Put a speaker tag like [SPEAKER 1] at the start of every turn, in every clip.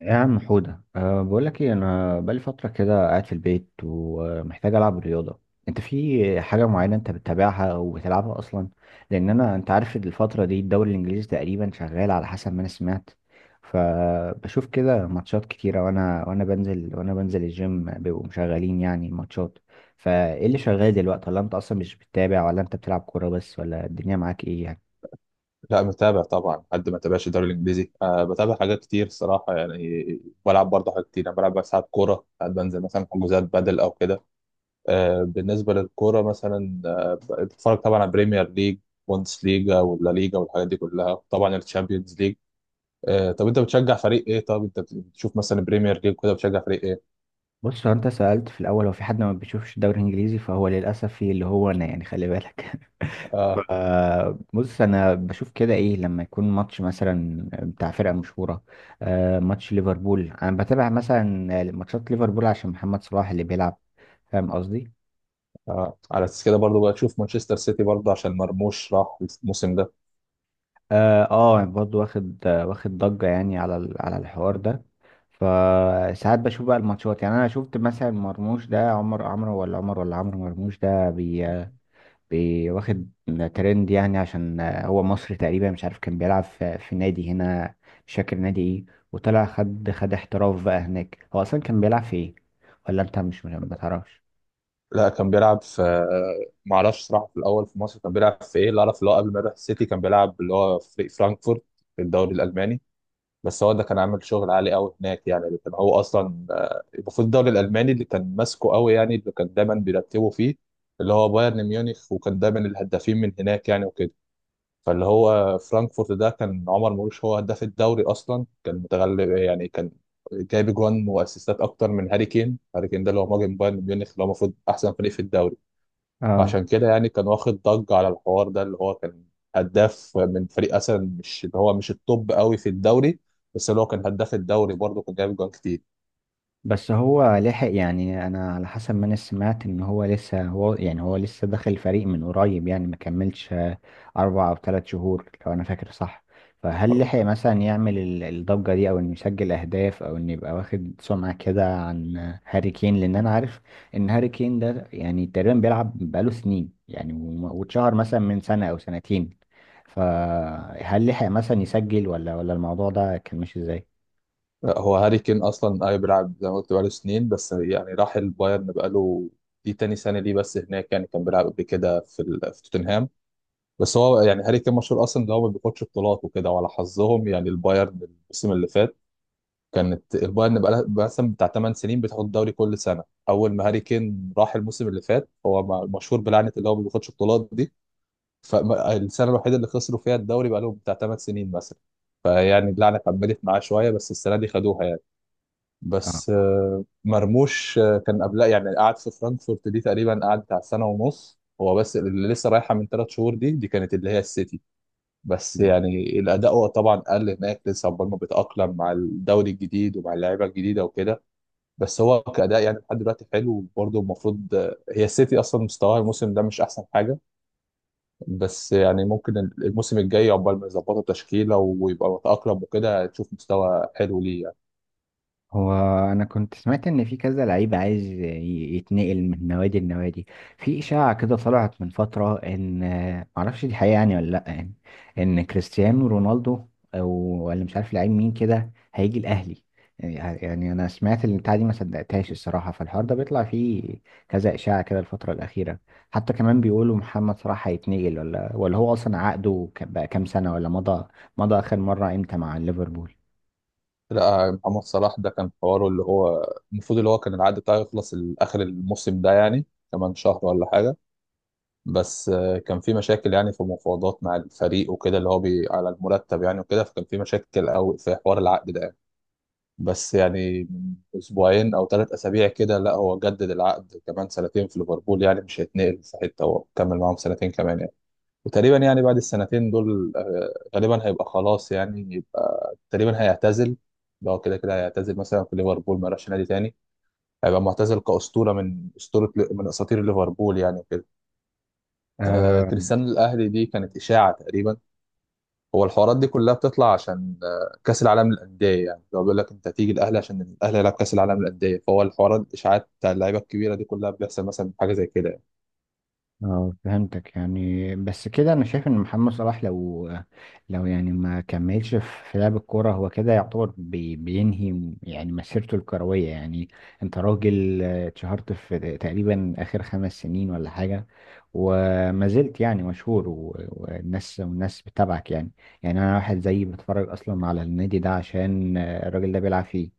[SPEAKER 1] يا عم حودة، بقول لك ايه. انا بقالي فترة كده قاعد في البيت ومحتاج العب رياضة. انت في حاجة معينة انت بتتابعها او بتلعبها اصلا؟ لان انت عارف إن الفترة دي الدوري الانجليزي تقريبا شغال على حسب ما انا سمعت، فبشوف كده ماتشات كتيرة، وانا بنزل الجيم بيبقوا مشغلين يعني ماتشات. فايه اللي شغال دلوقتي؟ ولا انت اصلا مش بتتابع؟ ولا انت بتلعب كورة بس؟ ولا الدنيا معاك ايه يعني؟
[SPEAKER 2] لا، متابع طبعا. حد ما تابعش الدوري الانجليزي؟ بتابع حاجات كتير صراحه يعني. بلعب برضه حاجات كتير. انا بلعب بقى ساعات كوره، ساعات بنزل مثلا حجوزات بدل او كده. بالنسبه للكوره مثلا، بتفرج طبعا على بريمير ليج، بوندس ليجا ولا ليجا والحاجات دي كلها، طبعا الشامبيونز ليج. طب انت بتشجع فريق ايه؟ طب انت بتشوف مثلا بريمير ليج كده، بتشجع فريق ايه؟
[SPEAKER 1] بص، هو انت سألت في الاول هو في حد ما بيشوفش الدوري الانجليزي، فهو للاسف في اللي هو انا، يعني خلي بالك.
[SPEAKER 2] أه
[SPEAKER 1] ف- بص، انا بشوف كده ايه لما يكون ماتش مثلا بتاع فرقة مشهورة. ماتش ليفربول انا بتابع، مثلا ماتشات ليفربول عشان محمد صلاح اللي بيلعب. فاهم قصدي؟
[SPEAKER 2] أه. على اساس كده برضه بقى تشوف مانشستر سيتي برضه عشان مرموش راح الموسم ده.
[SPEAKER 1] اه، يعني برضه واخد ضجة يعني على على الحوار ده. فساعات بشوف بقى الماتشات. يعني انا شفت مثلا مرموش ده، عمر عمرو ولا عمر ولا عمرو مرموش ده، واخد ترند يعني عشان هو مصري. تقريبا مش عارف كان بيلعب في نادي هنا، مش فاكر نادي ايه، وطلع خد احتراف بقى هناك. هو اصلا كان بيلعب في ايه؟ ولا انت مش ما تعرفش؟
[SPEAKER 2] لا كان بيلعب في ما اعرفش صراحه في الاول في مصر كان بيلعب في ايه. اللي اعرف اللي هو قبل ما يروح السيتي كان بيلعب اللي هو في فرانكفورت في الدوري الالماني. بس هو ده كان عامل شغل عالي قوي هناك يعني. اللي كان هو اصلا، المفروض الدوري الالماني اللي كان ماسكه قوي يعني، اللي كان دايما بيرتبه فيه اللي هو بايرن ميونخ، وكان دايما الهدافين من هناك يعني وكده. فاللي هو فرانكفورت ده كان عمر مرموش هو هداف الدوري اصلا، كان متغلب يعني، كان جايب جوان واسيستات اكتر من هاري كين. هاري كين ده اللي هو مهاجم بايرن ميونخ اللي هو المفروض احسن فريق في الدوري.
[SPEAKER 1] اه.
[SPEAKER 2] فعشان كده يعني كان واخد ضجة على الحوار ده، اللي هو كان هداف من فريق أصلا مش، اللي هو مش التوب قوي في الدوري، بس اللي هو كان هداف الدوري برضه، كان جايب جوان كتير.
[SPEAKER 1] بس هو لحق؟ يعني انا على حسب ما انا سمعت ان هو لسه داخل الفريق من قريب، يعني ما كملش اربع او ثلاث شهور لو انا فاكر صح. فهل لحق مثلا يعمل الضجة دي، او انه يسجل اهداف، او انه يبقى واخد سمعة كده عن هاري كين؟ لان انا عارف ان هاري كين ده يعني تقريبا بيلعب بقاله سنين يعني، واتشهر مثلا من سنة او سنتين. فهل لحق مثلا يسجل، ولا الموضوع ده كان ماشي ازاي؟
[SPEAKER 2] هو هاري كين أصلا أي بيلعب زي ما قلت بقاله سنين، بس يعني راح البايرن بقاله دي تاني سنة ليه بس هناك يعني. كان بيلعب قبل كده في توتنهام. بس هو يعني هاري كين مشهور أصلا إن هو ما بياخدش بطولات وكده، وعلى حظهم يعني البايرن الموسم اللي فات، كانت البايرن بقى مثلا بتاع 8 سنين بتاخد الدوري كل سنه. اول ما هاري كين راح الموسم اللي فات، هو مشهور بلعنه اللي هو ما بياخدش بطولات دي. فالسنه الوحيده اللي خسروا فيها الدوري بقى لهم بتاع 8 سنين مثلا. فيعني اللعنه كملت معاه شويه، بس السنه دي خدوها يعني.
[SPEAKER 1] اه،
[SPEAKER 2] بس مرموش، كان قبلها يعني قعد في فرانكفورت دي تقريبا، قعد بتاع سنه ونص هو، بس اللي لسه رايحه من ثلاث شهور دي كانت اللي هي السيتي. بس يعني الاداء هو طبعا قل هناك لسه، عقبال ما بيتاقلم مع الدوري الجديد ومع اللعيبه الجديده وكده. بس هو كاداء يعني لحد دلوقتي حلو، وبرضه المفروض هي السيتي اصلا مستواها الموسم ده مش احسن حاجه. بس يعني ممكن الموسم الجاي، عقبال ما يظبطوا تشكيله ويبقى متاقلم وكده، تشوف مستوى حلو ليه يعني.
[SPEAKER 1] هو انا كنت سمعت ان في كذا لعيب عايز يتنقل من نوادي لنوادي. في اشاعه كده طلعت من فتره، ان معرفش دي حقيقه يعني ولا لا، يعني ان كريستيانو رونالدو، او ولا مش عارف لعيب مين كده هيجي الاهلي. يعني انا سمعت البتاعه دي، ما صدقتهاش الصراحه. فالحوار ده بيطلع فيه كذا اشاعه كده الفتره الاخيره. حتى كمان بيقولوا محمد صلاح هيتنقل، ولا هو اصلا عقده بقى كام سنه، ولا مضى؟ اخر مره امتى مع ليفربول؟
[SPEAKER 2] لا، محمد صلاح ده كان حواره اللي هو المفروض اللي هو كان العقد بتاعه يخلص اخر الموسم ده يعني، كمان شهر ولا حاجه. بس كان في مشاكل يعني في مفاوضات مع الفريق وكده، اللي هو بي على المرتب يعني وكده، فكان في مشاكل أوي في حوار العقد ده يعني. بس يعني من أسبوعين أو ثلاث أسابيع كده، لا هو جدد العقد كمان سنتين في ليفربول يعني، مش هيتنقل في حتة، هو كمل معاهم سنتين كمان يعني. وتقريبا يعني بعد السنتين دول، غالبا هيبقى خلاص يعني، يبقى تقريبا هيعتزل. ده هو كده كده هيعتزل مثلا في ليفربول، ما راحش نادي تاني، هيبقى معتزل كأسطورة، من أساطير ليفربول يعني وكده. آه، كريستيانو الاهلي دي كانت اشاعه تقريبا. هو الحوارات دي كلها بتطلع عشان آه كاس العالم للانديه يعني، لو بيقول لك انت تيجي الاهلي عشان الاهلي يلعب كاس العالم للانديه، فهو الحوارات الاشاعات بتاع اللعيبه الكبيره دي كلها بيحصل مثلا حاجه زي كده يعني.
[SPEAKER 1] اه، فهمتك. يعني بس كده انا شايف ان محمد صلاح لو يعني ما كملش في لعب الكوره، هو كده يعتبر بينهي يعني مسيرته الكرويه يعني. انت راجل اتشهرت في تقريبا اخر خمس سنين ولا حاجه، وما زلت يعني مشهور، والناس بتتابعك يعني. يعني انا واحد زيي بتفرج اصلا على النادي ده عشان الراجل ده بيلعب فيه.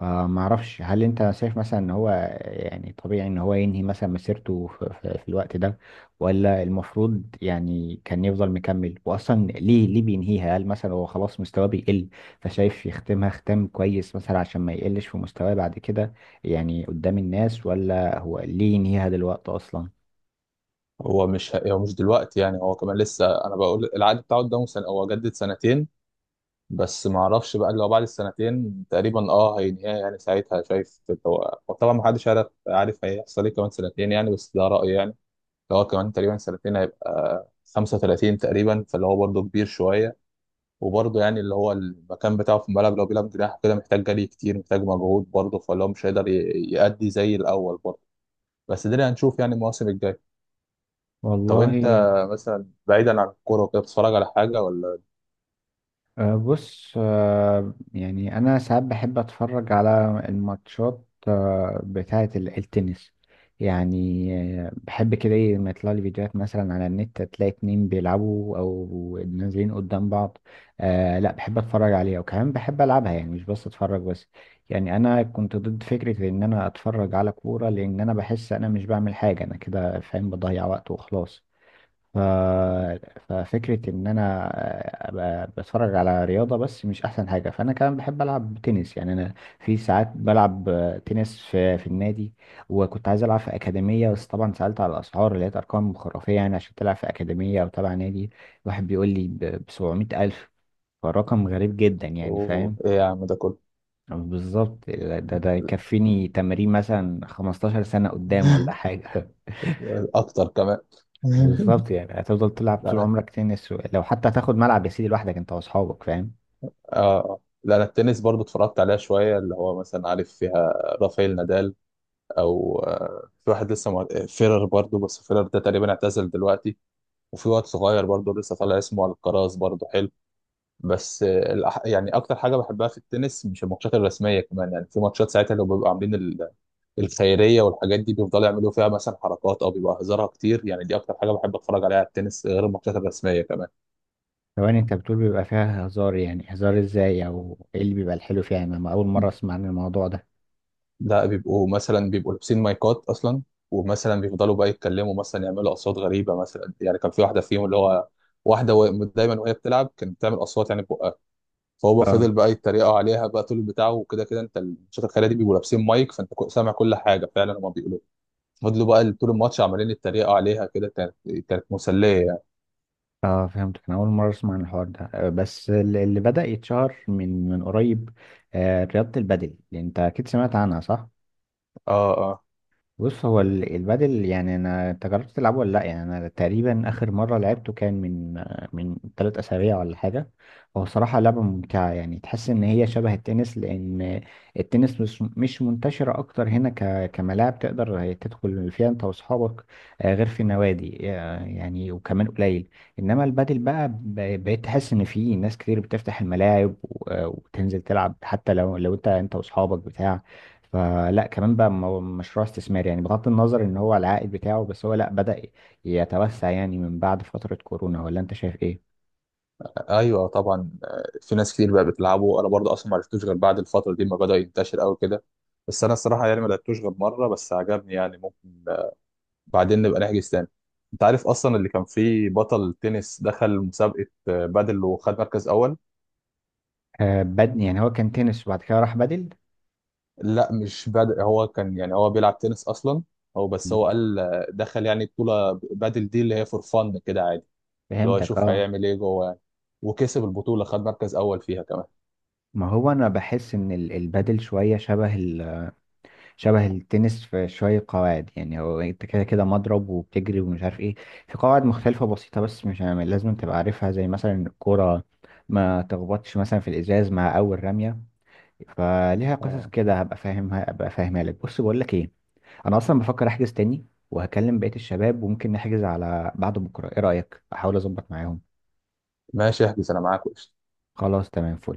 [SPEAKER 1] فما اعرفش، هل انت شايف مثلا ان هو يعني طبيعي ان هو ينهي مثلا مسيرته في الوقت ده، ولا المفروض يعني كان يفضل مكمل؟ واصلا ليه بينهيها؟ هل مثلا هو خلاص مستواه بيقل، فشايف يختمها ختام كويس مثلا عشان ما يقلش في مستواه بعد كده يعني قدام الناس؟ ولا هو ليه ينهيها دلوقتي اصلا؟
[SPEAKER 2] هو مش دلوقتي يعني، هو كمان لسه، انا بقول العقد بتاعه قدامه سنه، هو جدد سنتين. بس ما اعرفش بقى اللي هو بعد السنتين تقريبا اه هينهيها يعني، ساعتها شايف. هو طبعا ما حدش عارف عارف هيحصل ايه كمان سنتين يعني، بس ده رايي يعني. اللي هو كمان تقريبا سنتين، هيبقى 35 تقريبا، فاللي هو برضه كبير شوية. وبرضه يعني اللي هو المكان بتاعه في الملعب لو بيلعب جناح كده، محتاج جري كتير، محتاج مجهود برضه، فاللي هو مش هيقدر يأدي زي الأول برضه. بس ده اللي هنشوف يعني المواسم الجاية. طب أنت
[SPEAKER 1] والله.
[SPEAKER 2] مثلا، بعيدا عن الكورة وكده، بتتفرج على حاجة ولا؟
[SPEAKER 1] بص، يعني أنا ساعات بحب أتفرج على الماتشات بتاعة التنس يعني. بحب كده إيه لما يطلع لي فيديوهات مثلا على النت، تلاقي اتنين بيلعبوا أو نازلين قدام بعض. لا، بحب أتفرج عليها، وكمان بحب ألعبها، يعني مش بس أتفرج بس. يعني أنا كنت ضد فكرة إن أنا أتفرج على كورة، لأن أنا بحس أنا مش بعمل حاجة، أنا كده فاهم بضيع وقت وخلاص. ف... ففكرة إن أنا أبقى بتفرج على رياضة بس مش أحسن حاجة، فأنا كمان بحب ألعب تنس. يعني أنا في ساعات بلعب تنس في النادي. وكنت عايز ألعب في أكاديمية، بس طبعا سألت على الأسعار لقيت أرقام خرافية. يعني عشان تلعب في أكاديمية أو تبع نادي، واحد بيقول لي ب 700 ألف. فالرقم غريب جدا، يعني
[SPEAKER 2] أوه
[SPEAKER 1] فاهم.
[SPEAKER 2] إيه يا عم ده كله
[SPEAKER 1] بالظبط، ده يكفيني تمرين مثلا 15 سنة قدام ولا حاجة.
[SPEAKER 2] أكتر كمان
[SPEAKER 1] بالظبط، يعني هتفضل تلعب
[SPEAKER 2] لا،
[SPEAKER 1] طول
[SPEAKER 2] لا.
[SPEAKER 1] عمرك تنس. لو حتى هتاخد ملعب يا سيدي لوحدك انت واصحابك، فاهم.
[SPEAKER 2] آه. آه. لا، التنس برضه اتفرجت عليها شوية، اللي هو مثلا عارف فيها رافائيل نادال، او في واحد لسه مع فيرر برضو، بس فيرر ده تقريبا اعتزل دلوقتي. وفي واد صغير برضو لسه طالع اسمه الكراز برضو حلو. بس يعني اكتر حاجه بحبها في التنس مش الماتشات الرسميه كمان يعني، في ماتشات ساعتها لو بيبقوا عاملين الخيريه والحاجات دي، بيفضلوا يعملوا فيها مثلا حركات، او بيبقى هزارها كتير يعني. دي اكتر حاجه بحب اتفرج عليها على التنس غير الماتشات الرسميه كمان.
[SPEAKER 1] ثواني، انت بتقول بيبقى فيها هزار؟ يعني هزار ازاي، او ايه اللي بيبقى الحلو فيها؟ يعني انا اول مره اسمع عن الموضوع ده.
[SPEAKER 2] لا، بيبقوا مثلا لابسين مايكات اصلا، ومثلا بيفضلوا بقى يتكلموا، مثلا يعملوا اصوات غريبه مثلا يعني. كان في واحده فيهم اللي هو واحده دايما وهي بتلعب كانت بتعمل اصوات يعني ببقها، فهو
[SPEAKER 1] اه،
[SPEAKER 2] فضل بقى يتريقوا عليها بقى طول البتاع وكده كده. انت الماتشات الخياليه دي بيبقوا لابسين مايك، فانت سامع كل حاجه فعلا هما بيقولوا. فضلوا بقى طول الماتش عمالين يتريقوا عليها كده. كانت مسليه يعني.
[SPEAKER 1] اه، فهمت. انا اول مره اسمع عن الحوار ده. بس اللي بدأ يتشهر من قريب رياضه البادل، انت اكيد سمعت عنها، صح؟
[SPEAKER 2] اه، اه.
[SPEAKER 1] بص، هو البادل، يعني انت جربت تلعبه ولا لا؟ يعني انا تقريبا اخر مره لعبته كان من ثلاث اسابيع ولا حاجه. هو صراحه لعبه ممتعه، يعني تحس ان هي شبه التنس. لان التنس مش منتشره اكتر هنا كملاعب تقدر تدخل فيها انت واصحابك، غير في النوادي، يعني، وكمان قليل. انما البادل بقى، بقيت تحس ان في ناس كتير بتفتح الملاعب، وتنزل تلعب، حتى لو انت واصحابك بتاع. فلا كمان بقى مشروع استثماري يعني، بغض النظر ان هو العائد بتاعه، بس هو لا، بدأ يتوسع يعني من بعد فترة كورونا، ولا انت شايف ايه؟
[SPEAKER 2] ايوه طبعا، في ناس كتير بقى بتلعبه. انا برضه اصلا ما عرفتوش غير بعد الفتره دي ما بدا ينتشر قوي كده. بس انا الصراحه يعني ما لعبتوش غير مره بس، عجبني يعني. ممكن بعدين نبقى نحجز تاني. انت عارف اصلا اللي كان فيه بطل تنس دخل مسابقه بادل وخد مركز اول؟
[SPEAKER 1] بد، يعني هو كان تنس وبعد كده راح بدل؟
[SPEAKER 2] لا مش بادل، هو كان يعني هو بيلعب تنس اصلا، هو بس
[SPEAKER 1] مم.
[SPEAKER 2] هو قال دخل يعني بطوله بادل دي اللي هي فور فن كده عادي، اللي هو
[SPEAKER 1] فهمتك،
[SPEAKER 2] يشوف
[SPEAKER 1] اه.
[SPEAKER 2] هيعمل ايه جوه يعني. وكسب البطوله، خد مركز اول فيها كمان.
[SPEAKER 1] ما هو انا بحس ان البادل شويه شبه شبه التنس في شويه قواعد. يعني هو انت كده كده مضرب وبتجري ومش عارف ايه، في قواعد مختلفه بسيطه، بس مش لازم تبقى عارفها زي مثلا الكوره، ما تخبطش مثلا في الازاز مع اول رميه. فليها قصص
[SPEAKER 2] آه،
[SPEAKER 1] كده، هبقى فاهمها لك. بص بقول لك ايه انا اصلا بفكر احجز تاني، وهكلم بقية الشباب، وممكن نحجز على بعد بكره. ايه رأيك، احاول اظبط معاهم؟
[SPEAKER 2] ماشي، احجز انا معاك.
[SPEAKER 1] خلاص، تمام، فل